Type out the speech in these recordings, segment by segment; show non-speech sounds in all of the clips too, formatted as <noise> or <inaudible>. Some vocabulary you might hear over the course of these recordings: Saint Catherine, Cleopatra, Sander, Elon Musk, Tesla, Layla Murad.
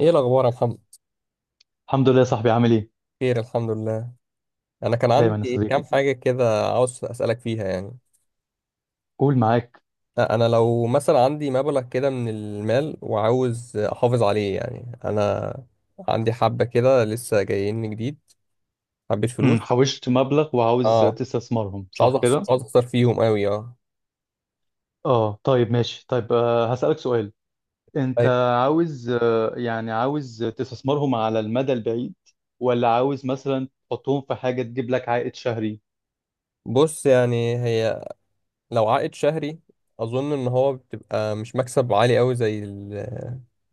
ايه الاخبار يا محمد؟ الحمد لله يا صاحبي، عامل ايه؟ خير، الحمد لله. انا كان دايما يا عندي صديقي. كام حاجه كده عاوز اسالك فيها، يعني قول معاك. انا لو مثلا عندي مبلغ كده من المال وعاوز احافظ عليه، يعني انا عندي حبه كده لسه جايين جديد، حبيت فلوس. حوشت مبلغ وعاوز اه، تستثمرهم، مش عاوز صح أخسر كده؟ مش عاوز اخسر فيهم قوي، اه. اه، طيب ماشي. طيب، هسألك سؤال. انت أي- عاوز، يعني عاوز تستثمرهم على المدى البعيد، ولا عاوز مثلا تحطهم في حاجة تجيب لك عائد شهري؟ بص، يعني هي لو عائد شهري اظن ان هو بتبقى مش مكسب عالي قوي زي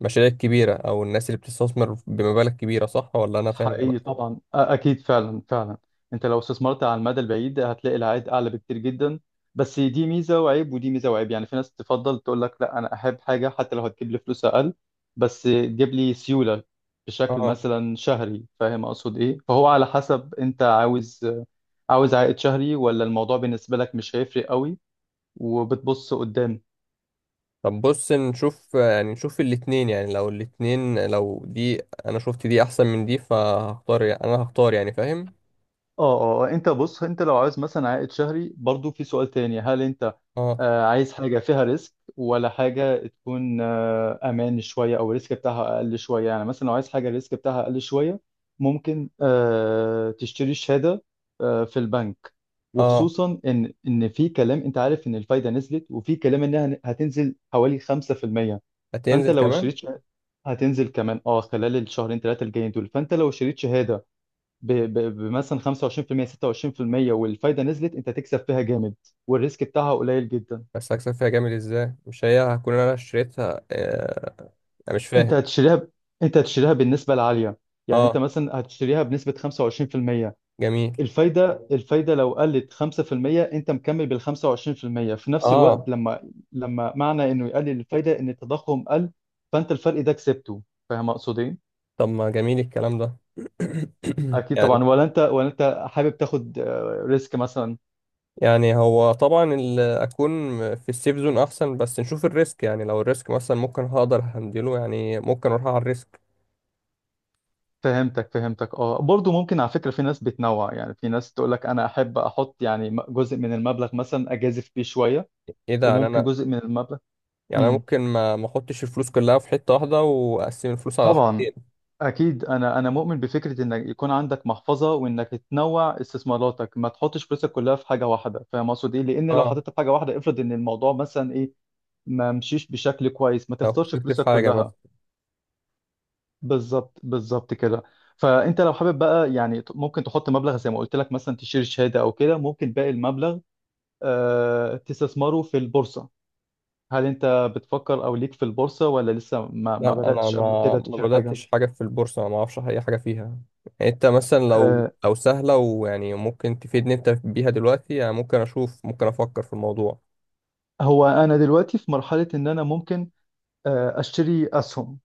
المشاريع الكبيره او الناس اللي بتستثمر بمبالغ كبيره، صح ولا انا فاهم حقيقي غلط؟ طبعا. اكيد، فعلا فعلا. انت لو استثمرت على المدى البعيد هتلاقي العائد اعلى بكتير جدا. بس دي ميزه وعيب، ودي ميزه وعيب. يعني في ناس تفضل تقول لك لا، انا احب حاجه حتى لو هتجيب لي فلوس اقل بس تجيب لي سيوله بشكل اه، مثلا شهري. فاهم اقصد ايه؟ فهو على حسب انت عاوز عائد شهري، ولا الموضوع بالنسبه لك مش هيفرق قوي وبتبص قدام؟ طب بص نشوف الاتنين، يعني لو الاتنين، لو دي انا شفت دي احسن من دي فهختار انا هختار، يعني فاهم. اه، اه، آه. انت بص، انت لو عايز مثلا عائد شهري برضو في سؤال تاني. هل انت اه عايز حاجة فيها ريسك، ولا حاجة تكون امان شوية او الريسك بتاعها اقل شوية؟ يعني مثلا لو عايز حاجة الريسك بتاعها اقل شوية ممكن تشتري شهادة في البنك. اه، وخصوصا ان في كلام، انت عارف، ان الفايدة نزلت، وفي كلام انها هتنزل حوالي 5%. فانت هتنزل لو كمان. اشتريت شهادة هتنزل كمان خلال الشهرين ثلاثة الجايين دول. فانت لو شريت شهادة بمثلا 25%، 26%، والفايده نزلت، انت تكسب فيها جامد، والريسك بتاعها قليل جدا. بس هكسب فيها جامد ازاي؟ مش هي هكون انا اشتريتها، آه. انا مش فاهم. انت هتشتريها ب... انت هتشتريها بالنسبه العاليه. يعني انت اه، مثلا هتشتريها بنسبه 25%. جميل. الفايده لو قلت 5%، انت مكمل بال 25% في المية. في نفس الوقت اه، لما معنى انه يقلل الفايده ان التضخم قل. فانت الفرق ده كسبته. فاهم اقصد ايه؟ طب ما جميل الكلام ده. <coughs> اكيد يعني طبعا. ولا انت حابب تاخد ريسك مثلا؟ يعني هو طبعا اكون في السيف زون احسن، بس نشوف الريسك، يعني لو الريسك مثلا ممكن هقدر هندله، يعني ممكن اروح على الريسك. فهمتك فهمتك. اه، برضو ممكن على فكرة في ناس بتنوع. يعني في ناس تقول لك انا احب احط يعني جزء من المبلغ مثلا اجازف بيه شوية، ايه ده؟ يعني وممكن انا، جزء من المبلغ. يعني انا امم ممكن ما احطش الفلوس كلها في حته واحده واقسم الفلوس على طبعا، حاجتين. اكيد. انا مؤمن بفكرة انك يكون عندك محفظة وانك تنوع استثماراتك، ما تحطش فلوسك كلها في حاجة واحدة. فاهم اقصد ايه؟ لان لو اه، حطيتها في حاجة واحدة، افرض ان الموضوع مثلا ايه، ما مشيش بشكل كويس، ما لو تخسرش خسرت في فلوسك حاجه كلها. مثلا. بالظبط، بالظبط كده. فانت لو حابب بقى، يعني ممكن تحط مبلغ زي ما قلت لك مثلا تشتري شهاده، او كده ممكن باقي المبلغ تستثمره في البورصه. هل انت بتفكر او ليك في البورصه، ولا لسه ما لا، انا بداتش قبل ما كده ما تشتري حاجه؟ بداتش حاجه في البورصه، ما اعرفش اي حاجه فيها. يعني انت مثلا لو آه لو سهله ويعني ممكن تفيدني انت بيها دلوقتي، يعني ممكن اشوف، ممكن افكر في الموضوع. هو انا دلوقتي في مرحله ان انا ممكن اشتري اسهم،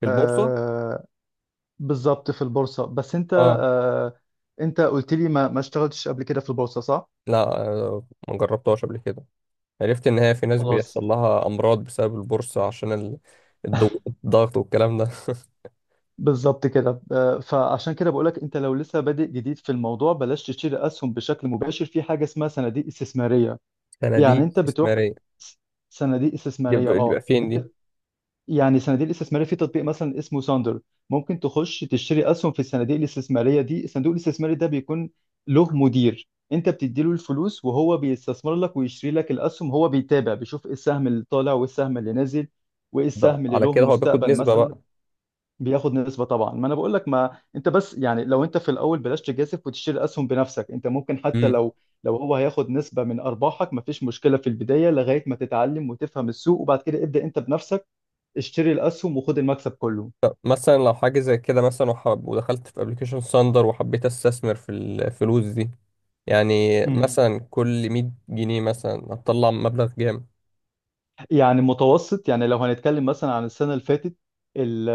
في البورصه؟ آه بالظبط في البورصه. بس انت، اه. انت قلت لي ما اشتغلتش قبل كده في البورصه صح؟ لا، ما جربتهاش قبل كده. عرفت ان هي في ناس خلاص. بيحصل لها امراض بسبب البورصه عشان الضغط والكلام ده <laughs> بالظبط كده، فعشان كده بقولك انت لو لسه بادئ جديد في الموضوع بلاش تشتري اسهم بشكل مباشر، في حاجه اسمها صناديق استثماريه. يعني صناديق انت بتروح، استثماريه؟ س- صناديق دي استثماريه. بيبقى دي اه بيبقى فين انت، دي؟ يعني صناديق الاستثماريه في تطبيق مثلا اسمه ساندر، ممكن تخش تشتري اسهم في الصناديق الاستثماريه دي. الصندوق الاستثماري ده بيكون له مدير، انت بتديله الفلوس وهو بيستثمر لك ويشتري لك الاسهم. هو بيتابع، بيشوف ايه السهم اللي طالع وايه السهم اللي نازل وايه ده السهم اللي على له كده هو بياخد مستقبل نسبة مثلا. بقى. بياخد نسبة طبعا، ما انا بقول لك. ما انت بس، يعني لو انت في الاول بلاش تجازف وتشتري اسهم بنفسك. انت ممكن حتى امم. لو هو هياخد نسبة من ارباحك مفيش مشكلة في البداية، لغاية ما تتعلم وتفهم السوق، وبعد كده ابدأ انت بنفسك، اشتري الاسهم وخد المكسب كله. مثلا لو حاجة زي كده، مثلا وحب ودخلت في ابلكيشن ساندر وحبيت استثمر في الفلوس دي، يعني مثلا كل 100 جنيه مثلا هتطلع مبلغ جامد. يعني متوسط، يعني لو هنتكلم مثلا عن السنة اللي فاتت، ال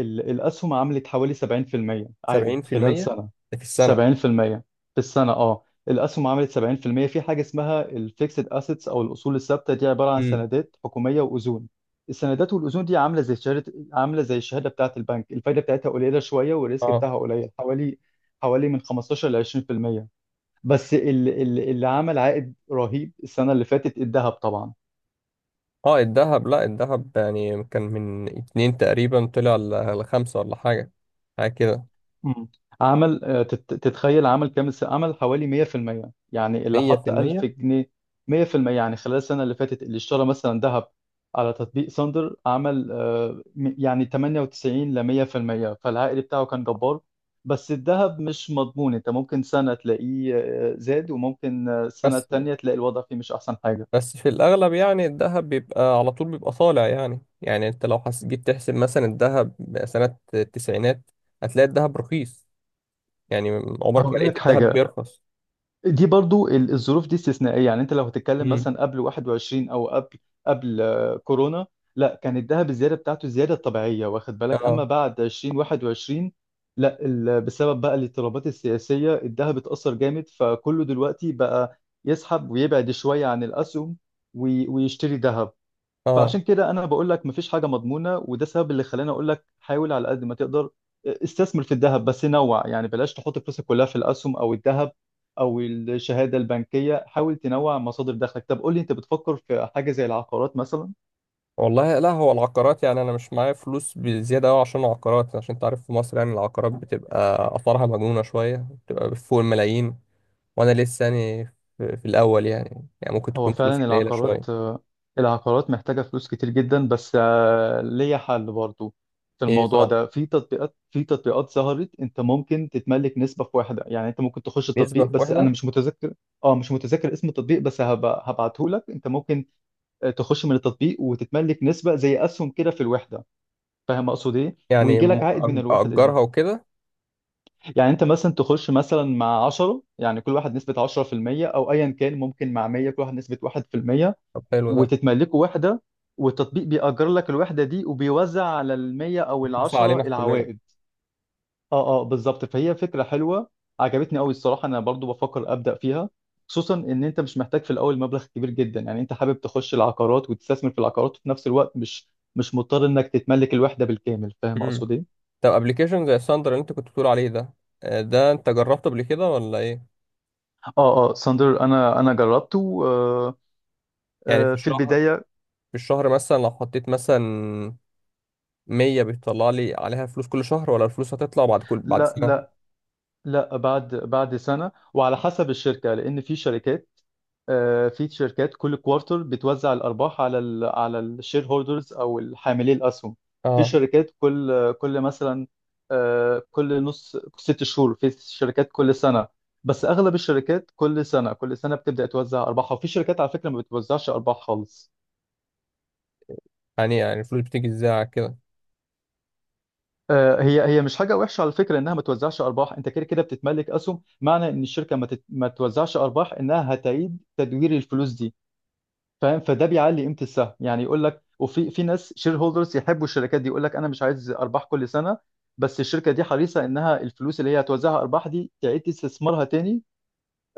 ال الأسهم عملت حوالي 70% عائد خلال 70%؟ سنة. ده في السنة؟ 70% في المية في السنة، الأسهم عملت 70% في المية. في حاجة اسمها الفيكسد أسيتس أو الأصول الثابتة، دي عبارة عن امم. سندات حكومية وأذون. السندات والأذون دي عاملة زي الشهادة بتاعة البنك. الفايدة بتاعتها قليلة شوية، والريسك اه بتاعها قليل، حوالي من 15 ل 20%. بس اللي عمل عائد رهيب السنة اللي فاتت الذهب طبعا. اه، الذهب، لا الذهب يعني كان من اتنين تقريبا طلع لخمسة ولا حاجة كده. مم. تتخيل عمل حوالي 100%. يعني اللي مية في حط 1000 المية جنيه 100%، يعني خلال السنة اللي فاتت اللي اشترى مثلا ذهب على تطبيق ساندر عمل، يعني 98 ل 100%، فالعائد بتاعه كان جبار. بس الذهب مش مضمون، انت ممكن سنة تلاقيه زاد، وممكن السنة بس التانية تلاقي الوضع فيه مش احسن حاجة. بس في الأغلب يعني الذهب بيبقى على طول بيبقى طالع، يعني يعني أنت لو جيت تحسب مثلا الذهب سنة التسعينات هتلاقي الذهب رخيص، يعني عمرك ما هقول لقيت لك الذهب حاجة، بيرخص. دي برضو، الظروف دي استثنائية. يعني انت لو هتتكلم مم. مثلا قبل 21، او قبل كورونا، لا، كان الذهب الزيادة بتاعته الزيادة الطبيعية، واخد بالك؟ اما اه بعد 20، 21، لا، بسبب بقى الاضطرابات السياسية الذهب اتأثر جامد، فكله دلوقتي بقى يسحب ويبعد شوية عن الأسهم ويشتري ذهب. اه. فعشان كده انا بقول لك مفيش حاجه مضمونه، وده السبب اللي خلاني اقول لك حاول على قد ما تقدر استثمر في الذهب، بس نوع، يعني بلاش تحط فلوسك كلها في الاسهم او الذهب او الشهاده البنكيه، حاول تنوع مصادر دخلك. طب قول لي، انت بتفكر في حاجه زي العقارات مثلا؟ والله لا، هو العقارات يعني أنا مش معايا فلوس بزيادة أوي عشان العقارات، عشان أنت عارف في مصر يعني العقارات بتبقى آثارها مجنونة شوية، بتبقى فوق الملايين، وأنا لسه يعني في الأول، يعني يعني ممكن هو تكون فلوسي فعلا قليلة العقارات شوية. العقارات محتاجة فلوس كتير جدا، بس ليا حل برضو في إيه؟ الموضوع طب ده. في تطبيقات ظهرت. انت ممكن تتملك نسبة في واحدة، يعني انت ممكن تخش التطبيق، نسبة بس انا واحدة؟ مش متذكر اسم التطبيق، بس هبعته لك. انت ممكن تخش من التطبيق وتتملك نسبة زي اسهم كده في الوحدة. فاهم اقصد ايه؟ يعني ويجي لك عائد من الوحدة دي. أجرها وكده. يعني انت مثلا تخش مثلا مع 10، يعني كل واحد نسبة 10%، او ايا كان ممكن مع 100، كل واحد نسبة 1%، طب حلو ده. وتتملكوا وحدة، والتطبيق بيأجر لك الوحدة دي وبيوزع على المية أو مش وصع العشرة علينا إحنا كلنا. العوائد. اه، اه، بالظبط. فهي فكرة حلوة، عجبتني قوي الصراحة. أنا برضو بفكر أبدأ فيها، خصوصا إن أنت مش محتاج في الأول مبلغ كبير جدا. يعني أنت حابب تخش العقارات وتستثمر في العقارات، وفي نفس الوقت مش مضطر إنك تتملك الوحدة بالكامل. فاهم امم. أقصد إيه؟ طب ابلكيشن زي الساندر اللي انت كنت بتقول عليه ده، ده انت جربته قبل كده ولا ايه؟ اه، اه، ساندر، أنا جربته. يعني في في الشهر، البداية. في الشهر مثلا لو حطيت مثلا 100 بيطلع لي عليها فلوس كل شهر؟ ولا الفلوس هتطلع بعد لا، سنة؟ لا، لا. بعد سنة، وعلى حسب الشركة، لأن في شركات كل كوارتر بتوزع الارباح على على الشير هولدرز او حاملي الاسهم. في اه. شركات كل كل مثلا آه، كل نص ست شهور. في شركات كل سنه، بس اغلب الشركات كل سنه كل سنه بتبدا توزع ارباحها. وفي شركات على فكره ما بتوزعش ارباح خالص. يعني يعني الفلوس بتيجي ازاي على كده؟ هي مش حاجه وحشه على فكره انها ما توزعش ارباح. انت كده كده بتتملك اسهم. معنى ان الشركه ما توزعش ارباح انها هتعيد تدوير الفلوس دي. فاهم؟ فده بيعلي قيمه السهم. يعني يقول لك، وفي ناس شير هولدرز يحبوا الشركات دي، يقول لك انا مش عايز ارباح كل سنه، بس الشركه دي حريصه انها الفلوس اللي هي هتوزعها ارباح دي تعيد استثمارها تاني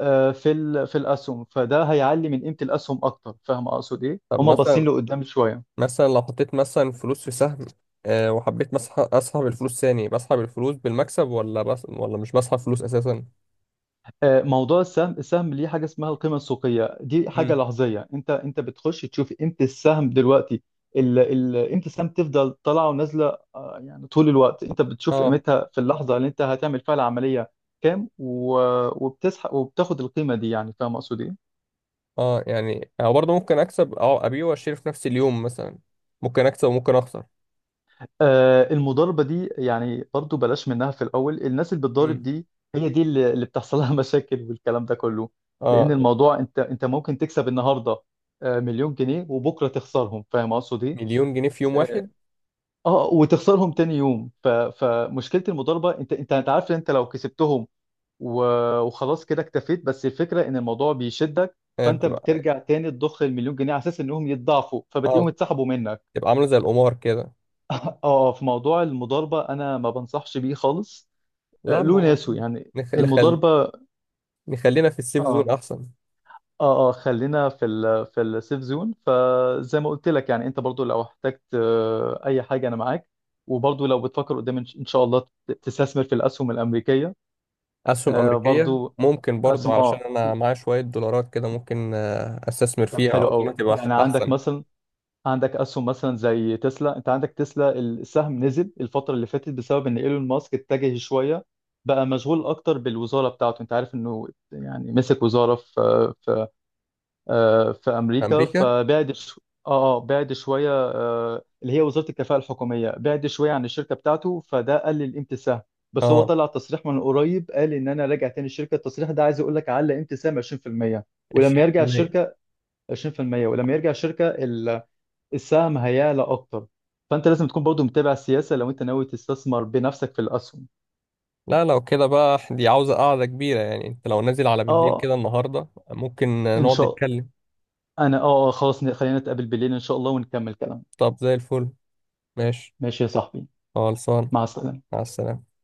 في الاسهم، فده هيعلي من قيمه الاسهم اكتر. فاهم اقصد ايه؟ طب هم باصين مثلا لقدام شويه. مثلا لو حطيت مثلا فلوس في سهم، وحبيت اسحب الفلوس ثاني، بسحب الفلوس بالمكسب ولا بس؟ ولا مش بسحب فلوس اساسا؟ موضوع السهم ليه حاجه اسمها القيمه السوقيه، دي حاجه امم. لحظيه. انت بتخش تشوف امتى السهم دلوقتي، ال امتى السهم تفضل طالعه ونازله، يعني طول الوقت انت بتشوف اه قيمتها في اللحظه اللي انت هتعمل فيها العمليه كام، وبتسحب وبتاخد القيمه دي. يعني فاهم اقصد ايه؟ اه، يعني أنا برضه ممكن أكسب أبيع وأشتري في نفس اليوم مثلا، ممكن أكسب وممكن أخسر. المضاربة دي يعني برضو بلاش منها في الأول، الناس اللي بتضارب امم. دي هي دي اللي بتحصل لها <laughs> مشاكل والكلام ده كله. لأن اه، الموضوع، أنت ممكن تكسب النهاردة مليون جنيه، وبكرة تخسرهم. فاهم أقصد إيه؟ مليون جنيه في يوم آه. واحد؟ وتخسرهم تاني يوم. فمشكلة المضاربة، أنت عارف إن أنت لو كسبتهم و... وخلاص كده اكتفيت، بس الفكرة إن الموضوع بيشدك، آه، فأنت بترجع تاني تضخ المليون جنيه على أساس إنهم يتضاعفوا، اه فبتلاقيهم اتسحبوا منك. بتبقى عاملة زي القمار كده. اه. في موضوع المضاربة انا ما بنصحش بيه خالص، لا، له ما هو ناسه يعني نخ... نخل... المضاربة. نخلينا في السيف زون اه، أحسن. اه، اه. خلينا في السيف زون. فزي ما قلت لك، يعني انت برضو لو احتجت اي حاجة انا معاك. وبرضو لو بتفكر قدام ان إن شاء الله تستثمر في الاسهم الامريكية، أسهم أمريكية؟ برضو ممكن برضو اسهم. علشان اه. أنا معايا شوية دولارات كده ممكن، أستثمر طب فيها، حلو قوي، أظن تبقى يعني عندك أحسن. مثلا عندك اسهم مثلا زي تسلا. انت عندك تسلا، السهم نزل الفتره اللي فاتت بسبب ان ايلون ماسك اتجه شويه، بقى مشغول اكتر بالوزاره بتاعته. انت عارف انه يعني مسك وزاره في في امريكا، أمريكا. فبعد ش... اه آه، بعد شويه، اللي هي وزاره الكفاءه الحكوميه، بعد شويه عن الشركه بتاعته، فده قلل قيمه السهم. بس هو اه، طلع تصريح من قريب، قال ان انا راجع تاني الشركه. التصريح ده عايز يقول لك علق قيمه السهم 20%، ولما عشرين في يرجع المية الشركه. 20%، ولما يرجع الشركه السهم هيعلى اكتر. فانت لازم تكون برضو متابع السياسه لو انت ناوي تستثمر بنفسك في الاسهم. لا، لو كده بقى دي عاوزة قعدة كبيرة، يعني أنت لو نازل على بالليل اه، كده النهاردة ممكن ان نقعد شاء نتكلم. انا اه آه، خلاص، خلينا نتقابل بالليل ان شاء الله ونكمل كلام. طب زي الفل، ماشي، ماشي يا صاحبي. خلصان. مع السلامه. مع السلامة.